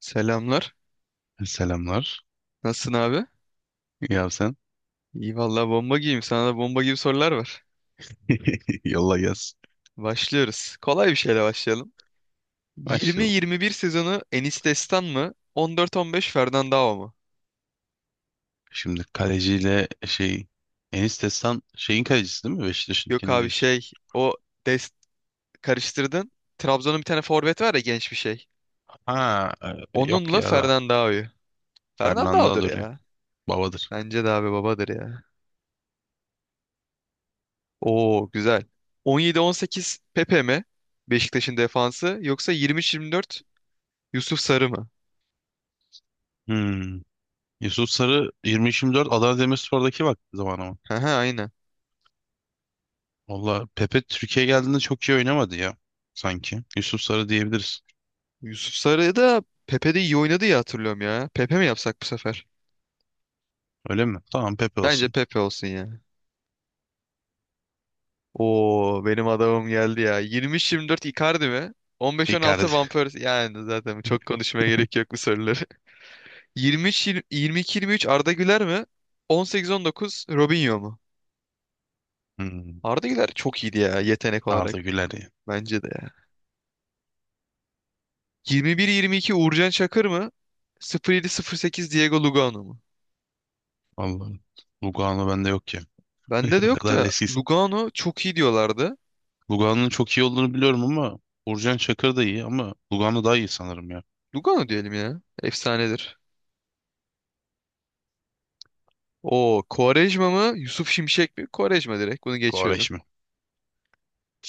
Selamlar. Selamlar. Nasılsın abi? Ya sen? İyi vallahi bomba gibiyim. Sana da bomba gibi sorular var. Yolla yaz. Başlıyoruz. Kolay bir şeyle başlayalım. Başlayalım. 20-21 sezonu Enis Destan mı? 14-15 Fernandao mu? Şimdi kaleciyle şey Enis Destan şeyin kalecisi değil mi? Yok Beşiktaş'ınkini abi, diyorsun. şey o dest karıştırdın. Trabzon'un bir tane forvet var ya, genç bir şey. Ha yok Onunla ya da Fernandao'yu. Fernando Fernandao'dur Adore. ya. Babadır. Bence de abi, babadır ya. Oo, güzel. 17-18 Pepe mi? Beşiktaş'ın defansı, yoksa 23-24 Yusuf Sarı mı? Hmm. Yusuf Sarı 23-24 Adana Demirspor'daki vakti zamanı mı? Aha aynen. Valla Pepe Türkiye geldiğinde çok iyi oynamadı ya. Sanki. Yusuf Sarı diyebiliriz. Yusuf Sarı da Pepe'de iyi oynadı ya, hatırlıyorum ya. Pepe mi yapsak bu sefer? Öyle mi? Tamam Pepe Bence olsun. Pepe olsun ya. Oo, benim adamım geldi ya. 23-24 Icardi mi? 15-16 Icardi. Van Persie. Yani zaten çok konuşmaya gerek yok bu soruları. 23-22-23 Arda Güler mi? 18-19 Robinho mu? hmm. Arda Güler çok iyiydi ya, yetenek olarak. Arda Güler ya. Bence de ya. 21-22 Uğurcan Çakır mı? 07-08 Diego Lugano mu? Vallahi Lugano bende yok ya. Bende de O yok kadar da eskiyiz. Lugano çok iyi diyorlardı. Lugano'nun çok iyi olduğunu biliyorum ama Uğurcan Çakır da iyi ama Lugano daha iyi sanırım ya. Lugano diyelim ya. Efsanedir. O Quaresma mı? Yusuf Şimşek mi? Quaresma direkt. Bunu geçiyorum. Goreş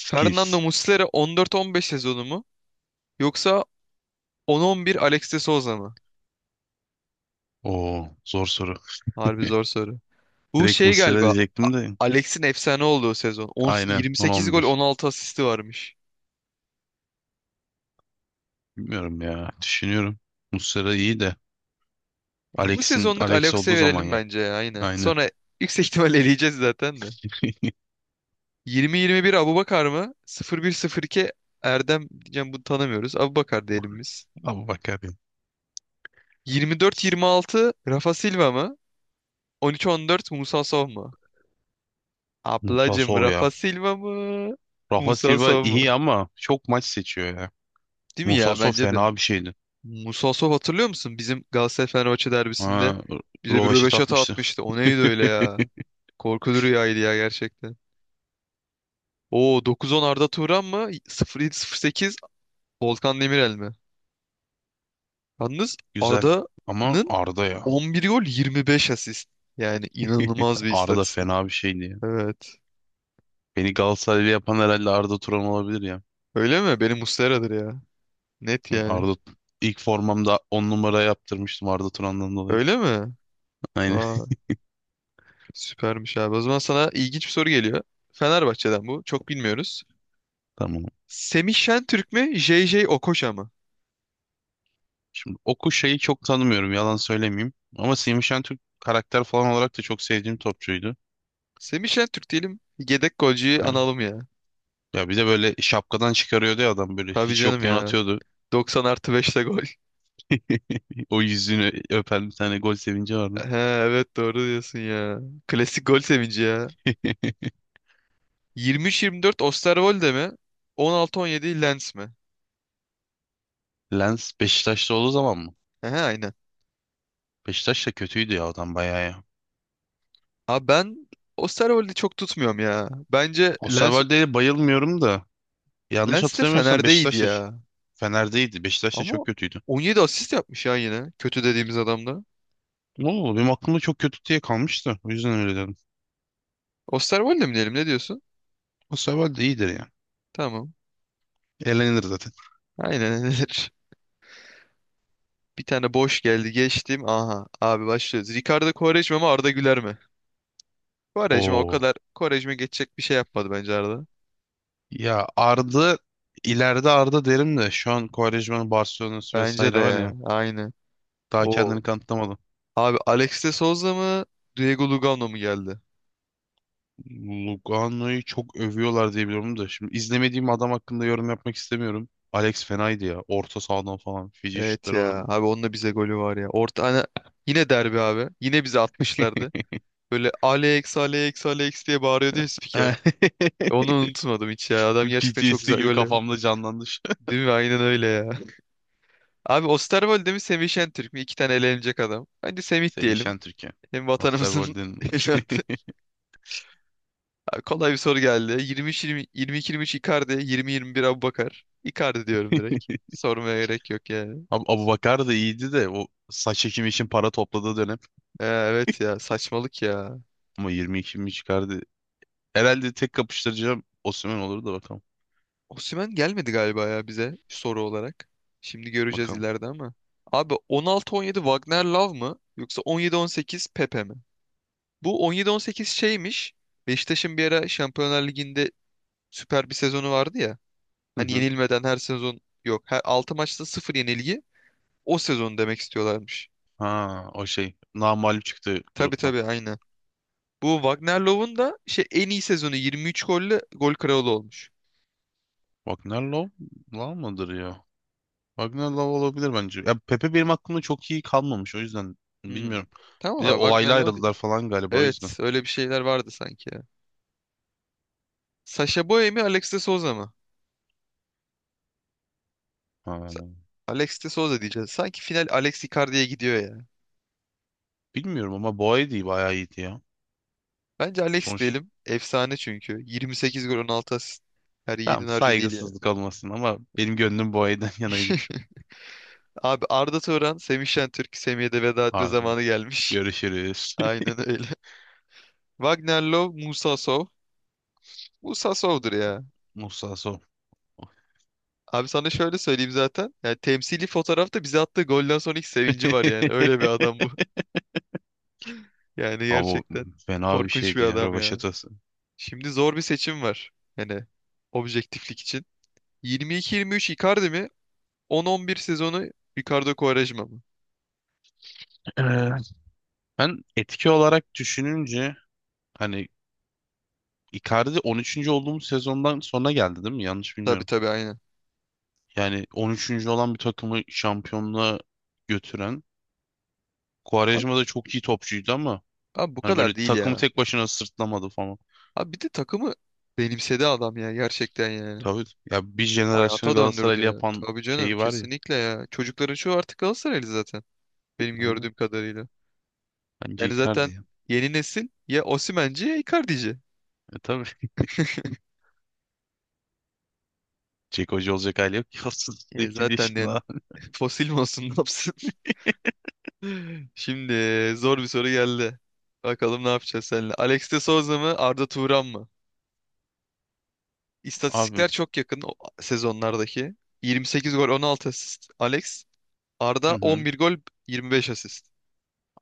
Fernando Muslera 14-15 sezonu mu? Yoksa 10-11 Alex de Souza mı? Oo zor soru. Harbi zor soru. Bu Direkt şey Muslera galiba. A- diyecektim de. Alex'in efsane olduğu sezon. 10, Aynen 28 gol 10-11. 16 asisti varmış. Bilmiyorum ya. Düşünüyorum. Muslera iyi de. Bu Alex'in sezonluk Alex olduğu Alex'e zaman verelim ya. bence ya, aynen. Aynen. Sonra yüksek ihtimal eleyeceğiz zaten de. 20-21 Abubakar mı? 01-02 Erdem diyeceğim, bunu tanımıyoruz. Abubakar diyelim biz. Abi bakar ya. 24-26 Rafa Silva mı? 13-14 Musa Sow mu? Musa Ablacım Sov Rafa ya. Silva mı? Rafa Musa Silva Sow mu? iyi ama çok maç seçiyor ya. Değil mi Musa ya? Sov Bence de. fena bir şeydi. Musa Sow hatırlıyor musun? Bizim Galatasaray-Fenerbahçe derbisinde Ha, bize bir rövaşata röveşata atmıştı. atmıştı. O neydi öyle ya? Korkulu rüyaydı ya gerçekten. Oo, 9-10 Arda Turan mı? 07-08 Volkan Demirel mi? Yalnız Güzel. Ama Arda'nın Arda ya. 11 gol, 25 asist. Yani inanılmaz bir Arda istatistik. fena bir şeydi ya. Evet. Beni Galatasaraylı yapan herhalde Arda Turan olabilir ya. Öyle mi? Benim Muslera'dır ya. Net yani. Arda ilk formamda 10 numara yaptırmıştım Arda Turan'dan dolayı. Öyle mi? Aynen. Aa, süpermiş abi. O zaman sana ilginç bir soru geliyor. Fenerbahçe'den bu. Çok bilmiyoruz. Tamam. Semih Şentürk mü? JJ Okocha mı? Şimdi Oku şeyi çok tanımıyorum yalan söylemeyeyim. Ama Semih Şentürk karakter falan olarak da çok sevdiğim topçuydu. Semih Şentürk diyelim. Yedek golcüyü Aynen. analım ya. Ya bir de böyle şapkadan çıkarıyordu ya adam böyle Tabii hiç canım yokken ya. atıyordu. 90 artı 5'te gol. O yüzünü öpen bir tane gol sevinci vardı. He, evet, doğru diyorsun ya. Klasik gol sevinci ya. 23-24 Osterwolde mi? 16-17 Lens mi? Lens Beşiktaş'ta olduğu zaman mı? He, aynen. Beşiktaş da kötüydü ya adam bayağı ya. Abi ben Osterwolde'i çok tutmuyorum ya. Bence Lens. Osterwolde'ye bayılmıyorum da yanlış Lens de hatırlamıyorsam Fener'de iyiydi Beşiktaş'ta ya. Fener'deydi. Beşiktaş'ta çok Ama kötüydü. 17 asist yapmış ya yine. Kötü dediğimiz adamda. Ne oldu? Benim aklımda çok kötü diye kalmıştı. O yüzden öyle dedim. Osterwolde mi diyelim, ne diyorsun? O sefer de iyidir ya. Tamam. Eğlenir zaten. Aynen nedir? Bir tane boş geldi, geçtim. Aha abi, başlıyoruz. Ricardo Quaresma mı, Arda Güler mi? Quaresma o Oo. kadar Quaresma geçecek bir şey yapmadı, bence Arda. Ya Arda ileride Arda derim de şu an Quaresma'nın Barcelona'sı Bence de vesaire var ya. ya. Aynı. Daha Oo. kendini kanıtlamadı. Abi Alex de Souza mı, Diego Lugano mu geldi? Lugano'yu çok övüyorlar diye biliyorum da. Şimdi izlemediğim adam hakkında yorum yapmak istemiyorum. Alex fenaydı ya. Orta sahadan falan. Fiji Evet şutları ya. vardı. Abi onun da bize golü var ya. Orta, hani yine derbi abi. Yine bize atmışlardı. Böyle Alex Alex Alex diye bağırıyordu ya spiker. Onu unutmadım hiç ya. Adam gerçekten çok PTSD güzel gibi goller. kafamda canlandı. Değil mi? Aynen öyle ya. Abi Osterwolde mi, Semih Şentürk mü? İki tane elenecek adam. Bence Semih Semih diyelim. Şentürk'e. Hem vatanımızın Osterwold'in evladı. Abi, kolay bir soru geldi. 23-20, 22-23 Icardi, 20-21 Aboubakar. Icardi diyorum direkt. Sormaya gerek yok yani. Abu Bakar da iyiydi de o saç ekimi için para topladığı dönem Evet ya, saçmalık ya. ama 22 mi çıkardı. Herhalde tek kapıştıracağım Osimhen olur da bakalım. Osimhen gelmedi galiba ya bize soru olarak. Şimdi göreceğiz Bakalım. ileride ama. Abi 16-17 Wagner Love mı? Yoksa 17-18 Pepe mi? Bu 17-18 şeymiş. Beşiktaş'ın bir ara Şampiyonlar Ligi'nde süper bir sezonu vardı ya. Hı Hani hı. yenilmeden her sezon yok. Her 6 maçta sıfır yenilgi. O sezonu demek istiyorlarmış. Ha o şey namağlup çıktı Tabii gruptan. tabii, aynı. Bu Wagner Love'un da en iyi sezonu 23 golle gol kralı olmuş. Wagner Love Love mıdır ya? Wagner Love olabilir bence. Ya Pepe benim aklımda çok iyi kalmamış o yüzden Hmm. bilmiyorum. Tamam Bir de abi Wagner olayla Love diye. ayrıldılar falan galiba o yüzden. Evet, öyle bir şeyler vardı sanki ya. Sasha Boye mi, Alex de Souza mı? Ha, Sa- Alex de Souza diyeceğiz. Sanki final Alex Icardi'ye gidiyor ya. bilmiyorum ama Boye değil bayağı iyiydi ya. Bence Alex Sonuç diyelim. Efsane çünkü. 28 gol 16 asist. Her tamam yiğidin harcı değil yani. saygısızlık olmasın ama benim gönlüm Boya'dan yanaydı. Çok Abi Arda Turan, Semih Şentürk, Semih'e de veda etme ağırdı. zamanı gelmiş. Görüşürüz. Aynen öyle. Wagner Love, Musa Sow. Musa Sow'dur ya. Musa Son. Abi sana şöyle söyleyeyim zaten. Yani temsili fotoğrafta bize attığı golden sonraki sevinci var yani. Öyle bir adam bu. Yani Ama gerçekten fena bir korkunç bir şeydi ya adam ya. rövaşatası. Şimdi zor bir seçim var. Yani objektiflik için. 22-23 Icardi mi? 10-11 sezonu Ricardo Quaresma mı? Evet. Ben etki olarak düşününce hani Icardi 13. olduğumuz sezondan sonra geldi değil mi? Yanlış Tabii bilmiyorum. tabii aynen. Yani 13. olan bir takımı şampiyonluğa götüren Abi, Quaresma da çok iyi topçuydu ama abi, bu hani kadar böyle değil takımı ya. tek başına sırtlamadı falan. Abi bir de takımı benimsedi adam ya, gerçekten yani. Tabii ya bir jenerasyonu Hayata döndürdü Galatasaraylı ya. yapan Tabii canım, şeyi var ya. kesinlikle ya. Çocukların çoğu artık Galatasaraylı zaten. Benim Aynen. gördüğüm kadarıyla. Bence Yani Icardi. zaten Ya. yeni nesil ya Osimhen'ci ya Icardi'ci. E tabii. Jack Hoca olacak hali yok ki E 38 zaten yani yaşında. fosil mi olsun, ne yapsın? Şimdi zor bir soru geldi. Bakalım ne yapacağız seninle. Alex de Souza mı, Arda Turan mı? Abi. İstatistikler çok yakın o sezonlardaki. 28 gol 16 asist Alex. Hı Arda hı. 11 gol 25 asist.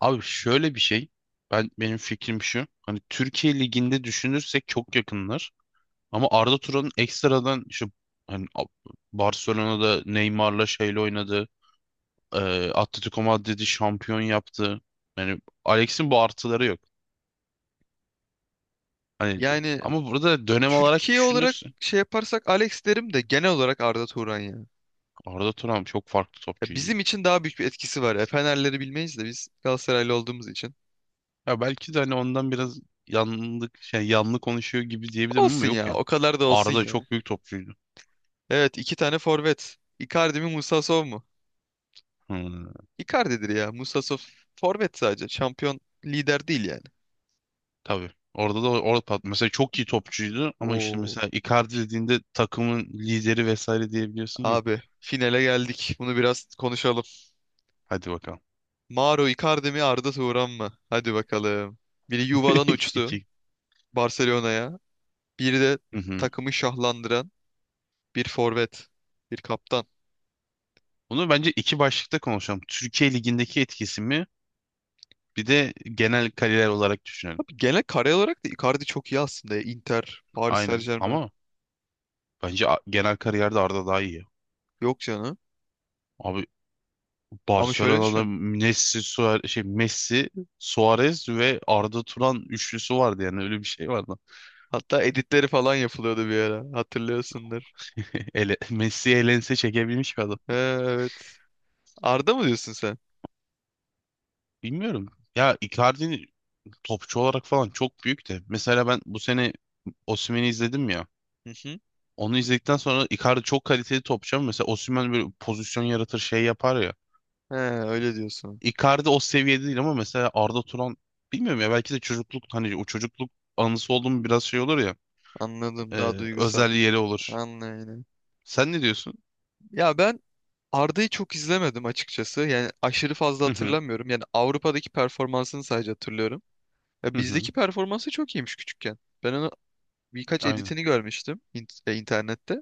Abi şöyle bir şey. Benim fikrim şu. Hani Türkiye Ligi'nde düşünürsek çok yakınlar. Ama Arda Turan'ın ekstradan işte hani Barcelona'da Neymar'la şeyle oynadı. Atletico Madrid'i şampiyon yaptı. Yani Alex'in bu artıları yok. Hani Yani ama burada dönem olarak Türkiye olarak düşünürsün. şey yaparsak Alex derim de genel olarak Arda Turan ya. Arda Turan çok farklı Ya topçuydu. bizim için daha büyük bir etkisi var ya. Fenerleri bilmeyiz de biz Galatasaraylı olduğumuz için. Ya belki de hani ondan biraz yanlı konuşuyor gibi diyebilirim ama Olsun yok ya, ya. o kadar da olsun Arda ya. çok büyük topçuydu. Evet, iki tane forvet. Icardi mi, Musa Musasov mu? Hmm, Icardi'dir ya. Musa Musasov forvet sadece. Şampiyon lider değil yani. tabii. Orada mesela çok iyi topçuydu ama işte Oo. mesela Icardi dediğinde takımın lideri vesaire diyebiliyorsun ya. Abi finale geldik. Bunu biraz konuşalım. Hadi bakalım. Mauro Icardi mi, Arda Turan mı? Hadi bakalım. Biri yuvadan uçtu. İki. Barcelona'ya. Bir de Hı hı. takımı şahlandıran bir forvet, bir kaptan. Bunu bence iki başlıkta konuşalım. Türkiye Ligi'ndeki etkisi mi? Bir de genel kariyer olarak düşünelim. Abi genel kare olarak da Icardi çok iyi aslında ya. Inter, Paris Aynen. Saint-Germain. Ama bence genel kariyerde Arda daha iyi. Yok canım. Abi Ama şöyle Barcelona'da düşün. Messi, Suarez ve Arda Turan üçlüsü vardı yani öyle bir şey vardı. Hatta editleri falan yapılıyordu bir ara. Hatırlıyorsundur. Messi elense çekebilmiş bir adam. He, evet. Arda mı diyorsun sen? Bilmiyorum. Ya Icardi topçu olarak falan çok büyük de. Mesela ben bu sene Osimhen'i izledim ya. Hı hı. Onu izledikten sonra Icardi çok kaliteli topçu ama mesela Osimhen böyle pozisyon yaratır şey yapar ya. He, öyle diyorsun. Icardi o seviyede değil ama mesela Arda Turan bilmiyorum ya belki de çocukluk hani o çocukluk anısı olduğum biraz şey olur ya. Anladım. Daha duygusal. Özel yeri olur. Anladım. Sen ne diyorsun? Ya ben Arda'yı çok izlemedim açıkçası. Yani aşırı fazla Hı hı. hatırlamıyorum. Yani Avrupa'daki performansını sadece hatırlıyorum. Ya Hı hı. bizdeki performansı çok iyiymiş küçükken. Ben onu birkaç Aynen. editini görmüştüm internette.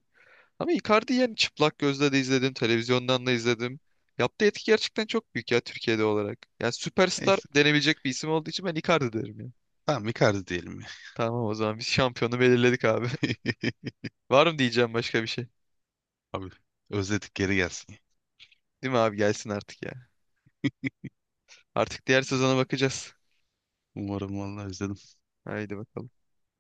Ama Icardi yani çıplak gözle de izledim, televizyondan da izledim. Yaptığı etki gerçekten çok büyük ya Türkiye'de olarak. Yani süperstar Neyse. denebilecek bir isim olduğu için ben Icardi derim ya. Tamam Icardi diyelim ya. Tamam, o zaman biz şampiyonu belirledik abi. Var mı diyeceğim başka bir şey? Abi özledik geri gelsin. Değil mi abi, gelsin artık ya. Artık diğer sezona bakacağız. Umarım vallahi özledim. Haydi bakalım.